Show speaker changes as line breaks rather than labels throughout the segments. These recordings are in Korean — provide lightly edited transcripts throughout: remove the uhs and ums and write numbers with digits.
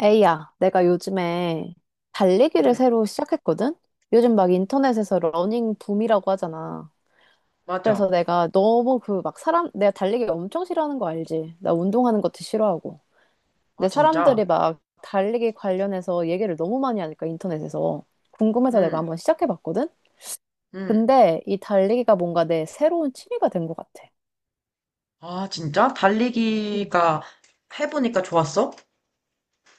에이야, 내가 요즘에 달리기를
응,
새로 시작했거든? 요즘 막 인터넷에서 러닝 붐이라고 하잖아. 그래서
맞아.
내가 너무 내가 달리기 엄청 싫어하는 거 알지? 나 운동하는 것도 싫어하고.
아,
근데 사람들이
진짜?
막 달리기 관련해서 얘기를 너무 많이 하니까 인터넷에서. 궁금해서 내가
응,
한번 시작해봤거든?
응.
근데 이 달리기가 뭔가 내 새로운 취미가 된 것 같아.
아, 진짜?
음.
달리기가 해보니까 좋았어?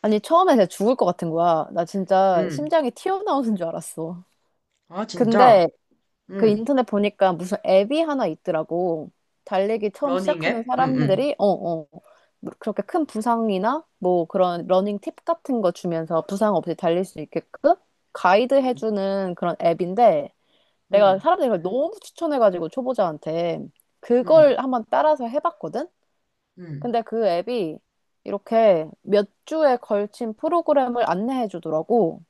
아니, 처음에 내가 죽을 것 같은 거야. 나 진짜
응.
심장이 튀어나오는 줄 알았어.
아, 진짜?
근데 그
응.
인터넷 보니까 무슨 앱이 하나 있더라고. 달리기 처음
러닝
시작하는
앱? 응, 응.
사람들이, 뭐 그렇게 큰 부상이나 뭐 그런 러닝 팁 같은 거 주면서 부상 없이 달릴 수 있게끔 가이드
응,
해주는 그런 앱인데 내가
응,
사람들이 그걸 너무 추천해가지고 초보자한테 그걸
응.
한번 따라서 해봤거든?
응.
근데 그 앱이 이렇게 몇 주에 걸친 프로그램을 안내해 주더라고.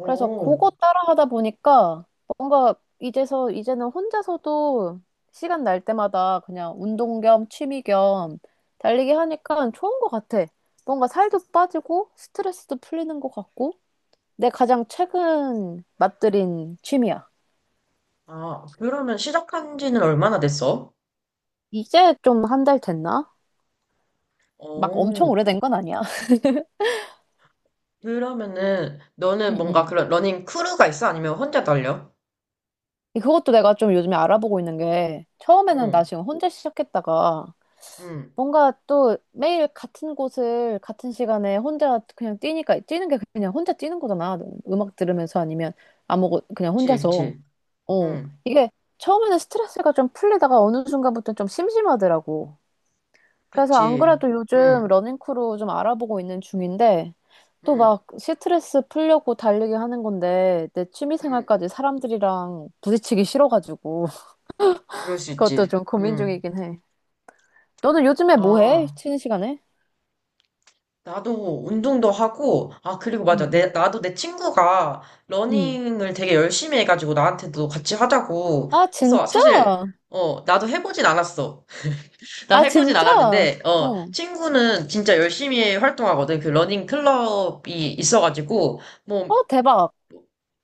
그래서 그거 따라 하다 보니까 뭔가 이제서 이제는 혼자서도 시간 날 때마다 그냥 운동 겸 취미 겸 달리기 하니까 좋은 것 같아. 뭔가 살도 빠지고 스트레스도 풀리는 것 같고 내 가장 최근 맛들인 취미야.
아, 그러면 시작한 지는 얼마나 됐어?
이제 좀 한 달 됐나? 막 엄청
오.
오래된 건 아니야.
그러면은, 너는
응,
뭔가
응.
그런 러닝 크루가 있어? 아니면 혼자 달려?
그것도 내가 좀 요즘에 알아보고 있는 게 처음에는 나
응,
지금 혼자 시작했다가
응.
뭔가 또 매일 같은 곳을 같은 시간에 혼자 그냥 뛰니까 뛰는 게 그냥 혼자 뛰는 거잖아. 음악 들으면서 아니면 아무것 그냥
그치,
혼자서.
그치.
어.
응,
이게 처음에는 스트레스가 좀 풀리다가 어느 순간부터 좀 심심하더라고. 그래서 안
그치.
그래도 요즘
응,
러닝크루 좀 알아보고 있는 중인데 또
응,
막 스트레스 풀려고 달리기 하는 건데 내 취미
응.
생활까지 사람들이랑 부딪히기 싫어가지고
그럴 수
그것도
있지.
좀 고민
응.
중이긴 해. 너는 요즘에 뭐 해?
아,
쉬는 시간에?
나도 운동도 하고, 아, 그리고
응
맞아.
응
나도 내 친구가
응.
러닝을 되게 열심히 해가지고 나한테도 같이 하자고
아,
해서
진짜?
사실, 나도 해보진 않았어. 나
아,
해보진
진짜?
않았는데,
어.
친구는 진짜 열심히 활동하거든. 그 러닝 클럽이 있어가지고, 뭐,
어, 대박.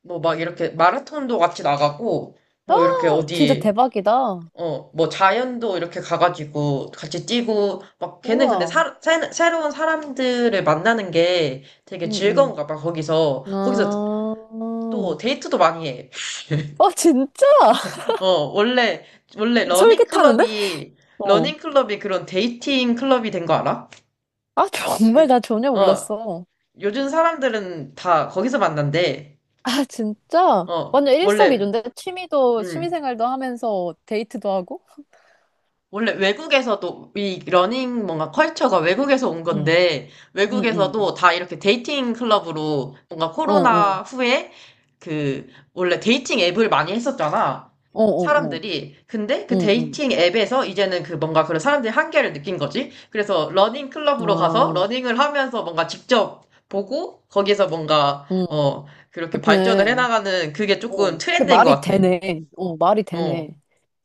뭐 막 이렇게 마라톤도 같이 나가고,
아,
뭐 이렇게
진짜
어디,
대박이다.
뭐 자연도 이렇게 가가지고 같이 뛰고 막 걔는 근데
우와.
새로운 사람들을 만나는 게 되게
응, 응.
즐거운가 봐. 거기서
아,
또 데이트도 많이 해.
어, 진짜?
어, 원래 원래 러닝
솔깃하는데?
클럽이
어.
러닝 클럽이 그런 데이팅 클럽이 된거 알아?
아, 정말
요즘
나 전혀
어,
몰랐어.
요즘 사람들은 다 거기서 만난대.
아, 진짜?
어,
완전
원래
일석이조인데? 취미도,
음.
취미생활도 하면서 데이트도 하고?
원래 외국에서도 이 러닝 뭔가 컬처가 외국에서 온
응,
건데,
응, 응.
외국에서도 다 이렇게 데이팅 클럽으로 뭔가
어,
코로나
어.
후에 그 원래 데이팅 앱을 많이 했었잖아,
어, 어, 어.
사람들이. 근데 그
응, 응.
데이팅 앱에서 이제는 그 뭔가 그런 사람들이 한계를 느낀 거지. 그래서 러닝 클럽으로 가서
아,
러닝을 하면서 뭔가 직접 보고 거기서 뭔가
응.
그렇게 발전을
그네.
해나가는, 그게 조금
어. 그게
트렌드인 것
말이
같아.
되네. 어, 말이
어,
되네.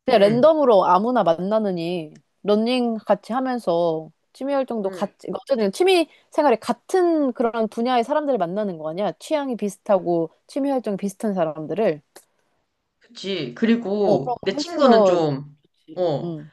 그냥
음,
랜덤으로 아무나 만나느니 러닝 같이 하면서 취미 활동도
음.
같이 어쨌든 취미 생활에 같은 그런 분야의 사람들을 만나는 거 아니야? 취향이 비슷하고 취미 활동이 비슷한 사람들을
그치.
어 그럼
그리고 내
훨씬
친구는
더
좀,
좋지.
어,
응.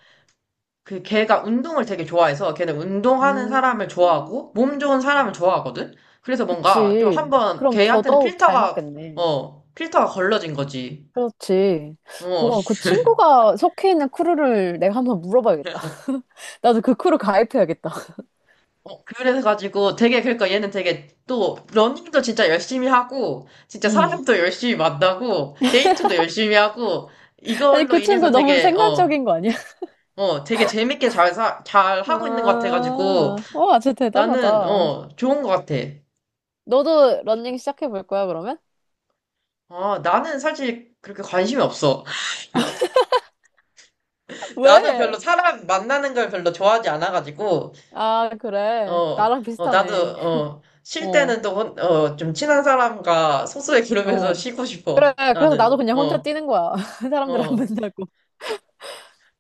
그 걔가 운동을 되게 좋아해서 걔는 운동하는
음.
사람을 좋아하고 몸 좋은 사람을 좋아하거든? 그래서 뭔가 좀
그치.
한번
그럼
걔한테는
더더욱 잘 맞겠네.
필터가 걸러진 거지.
그렇지.
어,
뭐, 그 친구가 속해 있는 크루를 내가 한번 물어봐야겠다. 나도 그 크루 가입해야겠다.
그래가지고 되게, 그러니까 얘는 되게 또 러닝도 진짜 열심히 하고, 진짜
음.
사람도 열심히 만나고, 데이트도 열심히 하고,
아니,
이걸로
그
인해서
친구 너무 생산적인 거 아니야?
되게 재밌게 잘 하고 있는 것 같아가지고,
아, 어, 진짜
나는,
대단하다.
좋은 것 같아.
너도 러닝 시작해 볼 거야, 그러면?
아, 나는 사실 그렇게 관심이 없어. 나도 별로
왜?
사람 만나는 걸 별로 좋아하지 않아가지고,
아, 그래. 나랑
나도,
비슷하네.
쉴
어,
때는 또, 좀 친한 사람과 소소의 그룹에서
어.
쉬고
그래.
싶어.
그래서 나도
나는.
그냥 혼자 뛰는 거야. 사람들 안
어.
만나고.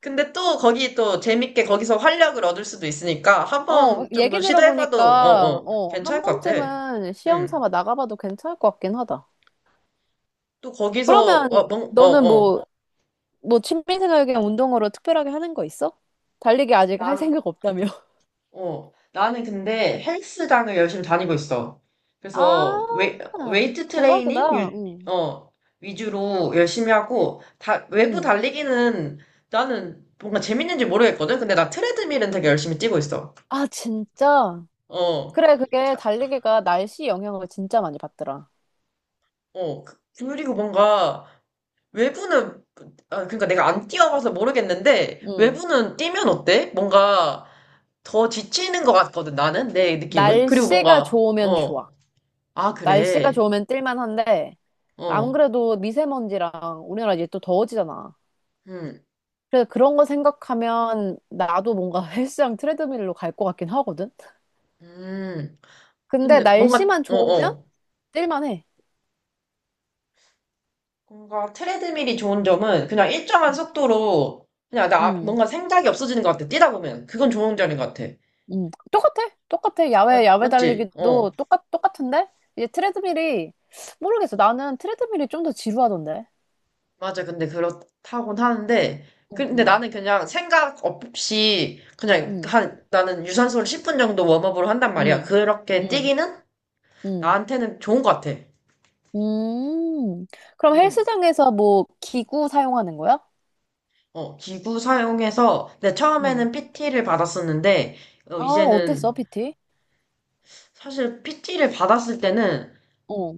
근데 또 거기 또 재밌게 거기서 활력을 얻을 수도 있으니까 한
어,
번 정도
얘기
시도해봐도,
들어보니까, 어, 한
괜찮을 것 같아.
번쯤은 시험
응.
삼아 나가봐도 괜찮을 것 같긴 하다.
또 거기서,
그러면
어, 뭔, 어,
너는
어.
뭐, 뭐 취미생활 그냥 운동으로 특별하게 하는 거 있어? 달리기 아직 할
난,
생각 없다며.
나는 근데 헬스장을 열심히 다니고 있어. 그래서
아,
웨이트 트레이닝
대박이다. 응,
어, 위주로 열심히 하고 외부
응.
달리기는 나는 뭔가 재밌는지 모르겠거든. 근데 나 트레드밀은 되게 열심히 뛰고 있어.
아, 진짜?
어,
그래, 그게
자,
달리기가 날씨 영향을 진짜 많이 받더라.
그리고 뭔가 외부는, 아, 그러니까 내가 안 뛰어봐서 모르겠는데
응.
외부는 뛰면 어때? 뭔가 더 지치는 것 같거든. 나는, 내 느낌은. 그리고
날씨가
뭔가
좋으면 좋아.
아
날씨가
그래.
좋으면 뛸만한데, 안
어,
그래도 미세먼지랑 우리나라 이제 또 더워지잖아.
음,
그래서 그런 거 생각하면 나도 뭔가 헬스장 트레드밀로 갈 것 같긴 하거든?
음.
근데
근데 뭔가,
날씨만
어,
좋으면
어.
뛸만해.
뭔가 트레드밀이 좋은 점은 그냥 일정한 속도로 그냥
응,
뭔가 생각이 없어지는 것 같아, 뛰다 보면. 그건 좋은 점인 것 같아.
응. 똑같아. 똑같아. 야외, 야외
맞지?
달리기도 똑같은데? 이제 트레드밀이, 모르겠어. 나는 트레드밀이 좀 더 지루하던데.
맞아. 근데 그렇다곤 하는데.
응,
근데
응.
나는 그냥 생각 없이
응.
나는 유산소를 10분 정도 웜업으로 한단 말이야.
음,
그렇게
음,
뛰기는
음.
나한테는 좋은 것 같아.
음. 그럼
음,
헬스장에서 뭐 기구 사용하는 거야?
기구 사용해서, 근데
음.
처음에는 PT를 받았었는데,
아, 어땠어,
이제는
PT?
사실 PT를 받았을 때는
어,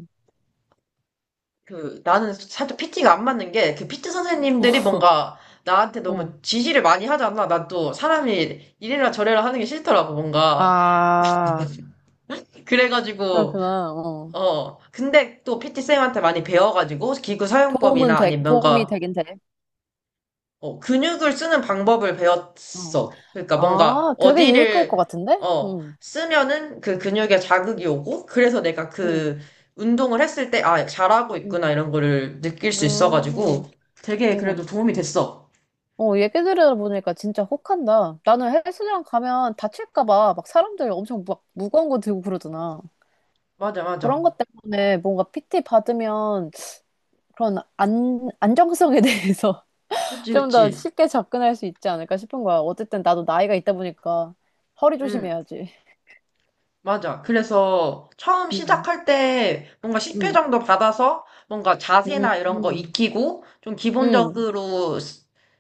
그 나는 살짝 PT가 안 맞는 게, 그 PT 선생님들이 뭔가 나한테
어.
너무 지시를 많이 하잖아. 난 또 사람이 이래라 저래라 하는 게 싫더라고 뭔가.
아,
그래가지고
그렇구나. 어.
근데 또 PT 쌤한테 많이 배워가지고 기구 사용법이나 아니면
도움이
뭔가
되긴 돼.
근육을 쓰는 방법을
어.
배웠어. 그러니까 뭔가
아, 되게 유익할 것
어디를
같은데? 응,
쓰면은 그 근육에 자극이 오고, 그래서 내가
응,
그 운동을 했을 때 아, 잘하고 있구나
응.
이런 거를 느낄 수
음,
있어가지고 되게
어.
그래도 도움이 됐어.
어, 얘기 들어보니까 진짜 혹한다. 나는 헬스장 가면 다칠까 봐 막 사람들 엄청 막 무거운 거 들고 그러잖아.
맞아, 맞아.
그런 것 때문에 뭔가 PT 받으면 그런 안, 안정성에 대해서
그치,
좀 더
그치.
쉽게 접근할 수 있지 않을까 싶은 거야. 어쨌든 나도 나이가 있다 보니까 허리
응,
조심해야지.
맞아. 그래서 처음
음,
시작할 때 뭔가 10회
음.
정도 받아서 뭔가 자세나
음,
이런 거
음,
익히고 좀
음.
기본적으로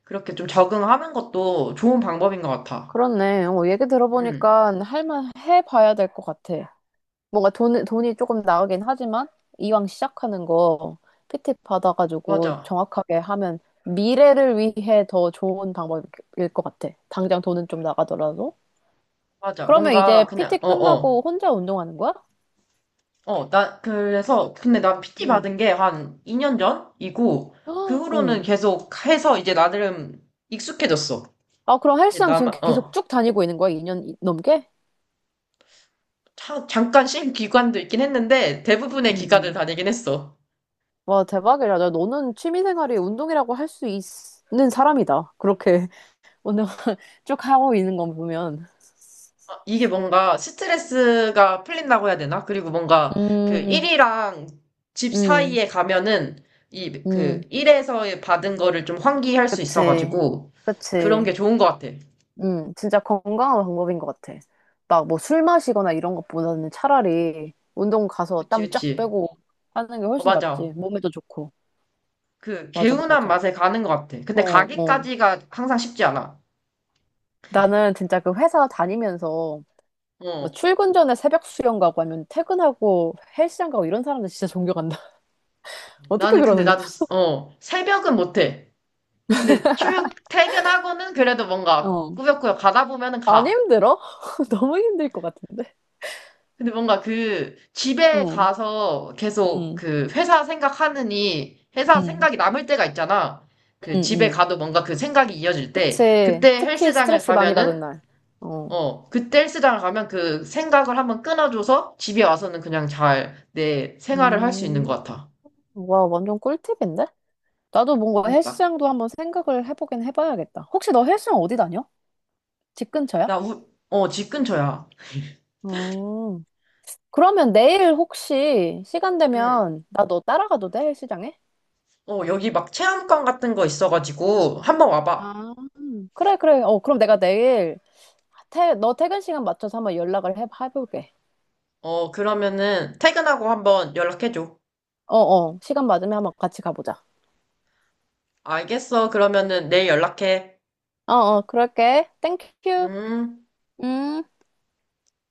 그렇게 좀 적응하는 것도 좋은 방법인 것 같아.
그렇네. 어, 얘기
응,
들어보니까 할만 해봐야 될 것 같아. 뭔가 돈이 조금 나가긴 하지만 이왕 시작하는 거 PT 받아가지고
맞아,
정확하게 하면 미래를 위해 더 좋은 방법일 것 같아. 당장 돈은 좀 나가더라도.
맞아.
그러면
뭔가
이제
그냥
PT 끝나고 혼자 운동하는 거야?
나 그래서 근데 나 PT 받은 게 한 2년 전이고 그
헉,
후로는
어.
계속 해서 이제 나름 익숙해졌어.
아, 그럼
이제
헬스장 지금
나만
계속 쭉 다니고 있는 거야? 2년 넘게?
잠깐 쉰 기간도 있긴 했는데 대부분의
응,
기간을
응.
다니긴 했어.
와, 대박이다. 야, 너는 취미생활이 운동이라고 할 수 있는 사람이다. 그렇게 운동을 쭉 하고 있는 건 보면.
이게 뭔가 스트레스가 풀린다고 해야 되나? 그리고 뭔가 그
음,
일이랑 집
음,
사이에 가면은 이 그
음.
일에서 받은 거를 좀 환기할 수
그치.
있어가지고 그런 게
그치.
좋은 것 같아.
진짜 건강한 방법인 것 같아. 막 뭐 술 마시거나 이런 것보다는 차라리 운동 가서
그치,
땀 쫙
그치.
빼고 하는 게 훨씬
맞아.
낫지. 몸에도 좋고. 맞아,
개운한
맞아.
맛에 가는 것 같아.
어,
근데
어.
가기까지가 항상 쉽지 않아.
나는 진짜 그 회사 다니면서 뭐
어.
출근 전에 새벽 수영 가고 아니면 퇴근하고 헬스장 가고 이런 사람들 진짜 존경한다. 어떻게
나는
그러는
근데
거야?
나도, 새벽은 못해. 근데 출근, 퇴근하고는 그래도 뭔가
어,
꾸역꾸역 가다 보면은
안
가.
힘들어? 너무 힘들 것 같은데.
근데 뭔가 그, 집에
어,
가서 계속
응,
그, 회사 생각하느니, 회사
응,
생각이 남을 때가 있잖아. 그,
응,
집에
응.
가도 뭔가 그 생각이 이어질 때,
그치. 특히 스트레스 많이 받은 날. 어.
그때 헬스장을 가면 그 생각을 한번 끊어줘서 집에 와서는 그냥 잘 내 생활을 할 수 있는 것
음,
같아.
와, 완전 꿀팁인데? 나도 뭔가
그러니까.
헬스장도 한번 생각을 해보긴 해봐야겠다. 혹시 너 헬스장 어디 다녀? 집 근처야?
나 집 근처야.
음. 그러면 내일 혹시 시간
응.
되면 나 너 따라가도 돼? 헬스장에?
여기 막 체험관 같은 거 있어가지고 한번 와봐.
아, 그래, 그래. 어, 그럼 내가 내일 너 퇴근 시간 맞춰서 한번 연락을 해볼게.
그러면은 퇴근하고 한번 연락해줘.
어, 어. 시간 맞으면 한번 같이 가보자.
알겠어. 그러면은 내일 연락해.
어, 어. 그럴게. 땡큐.
음.
음.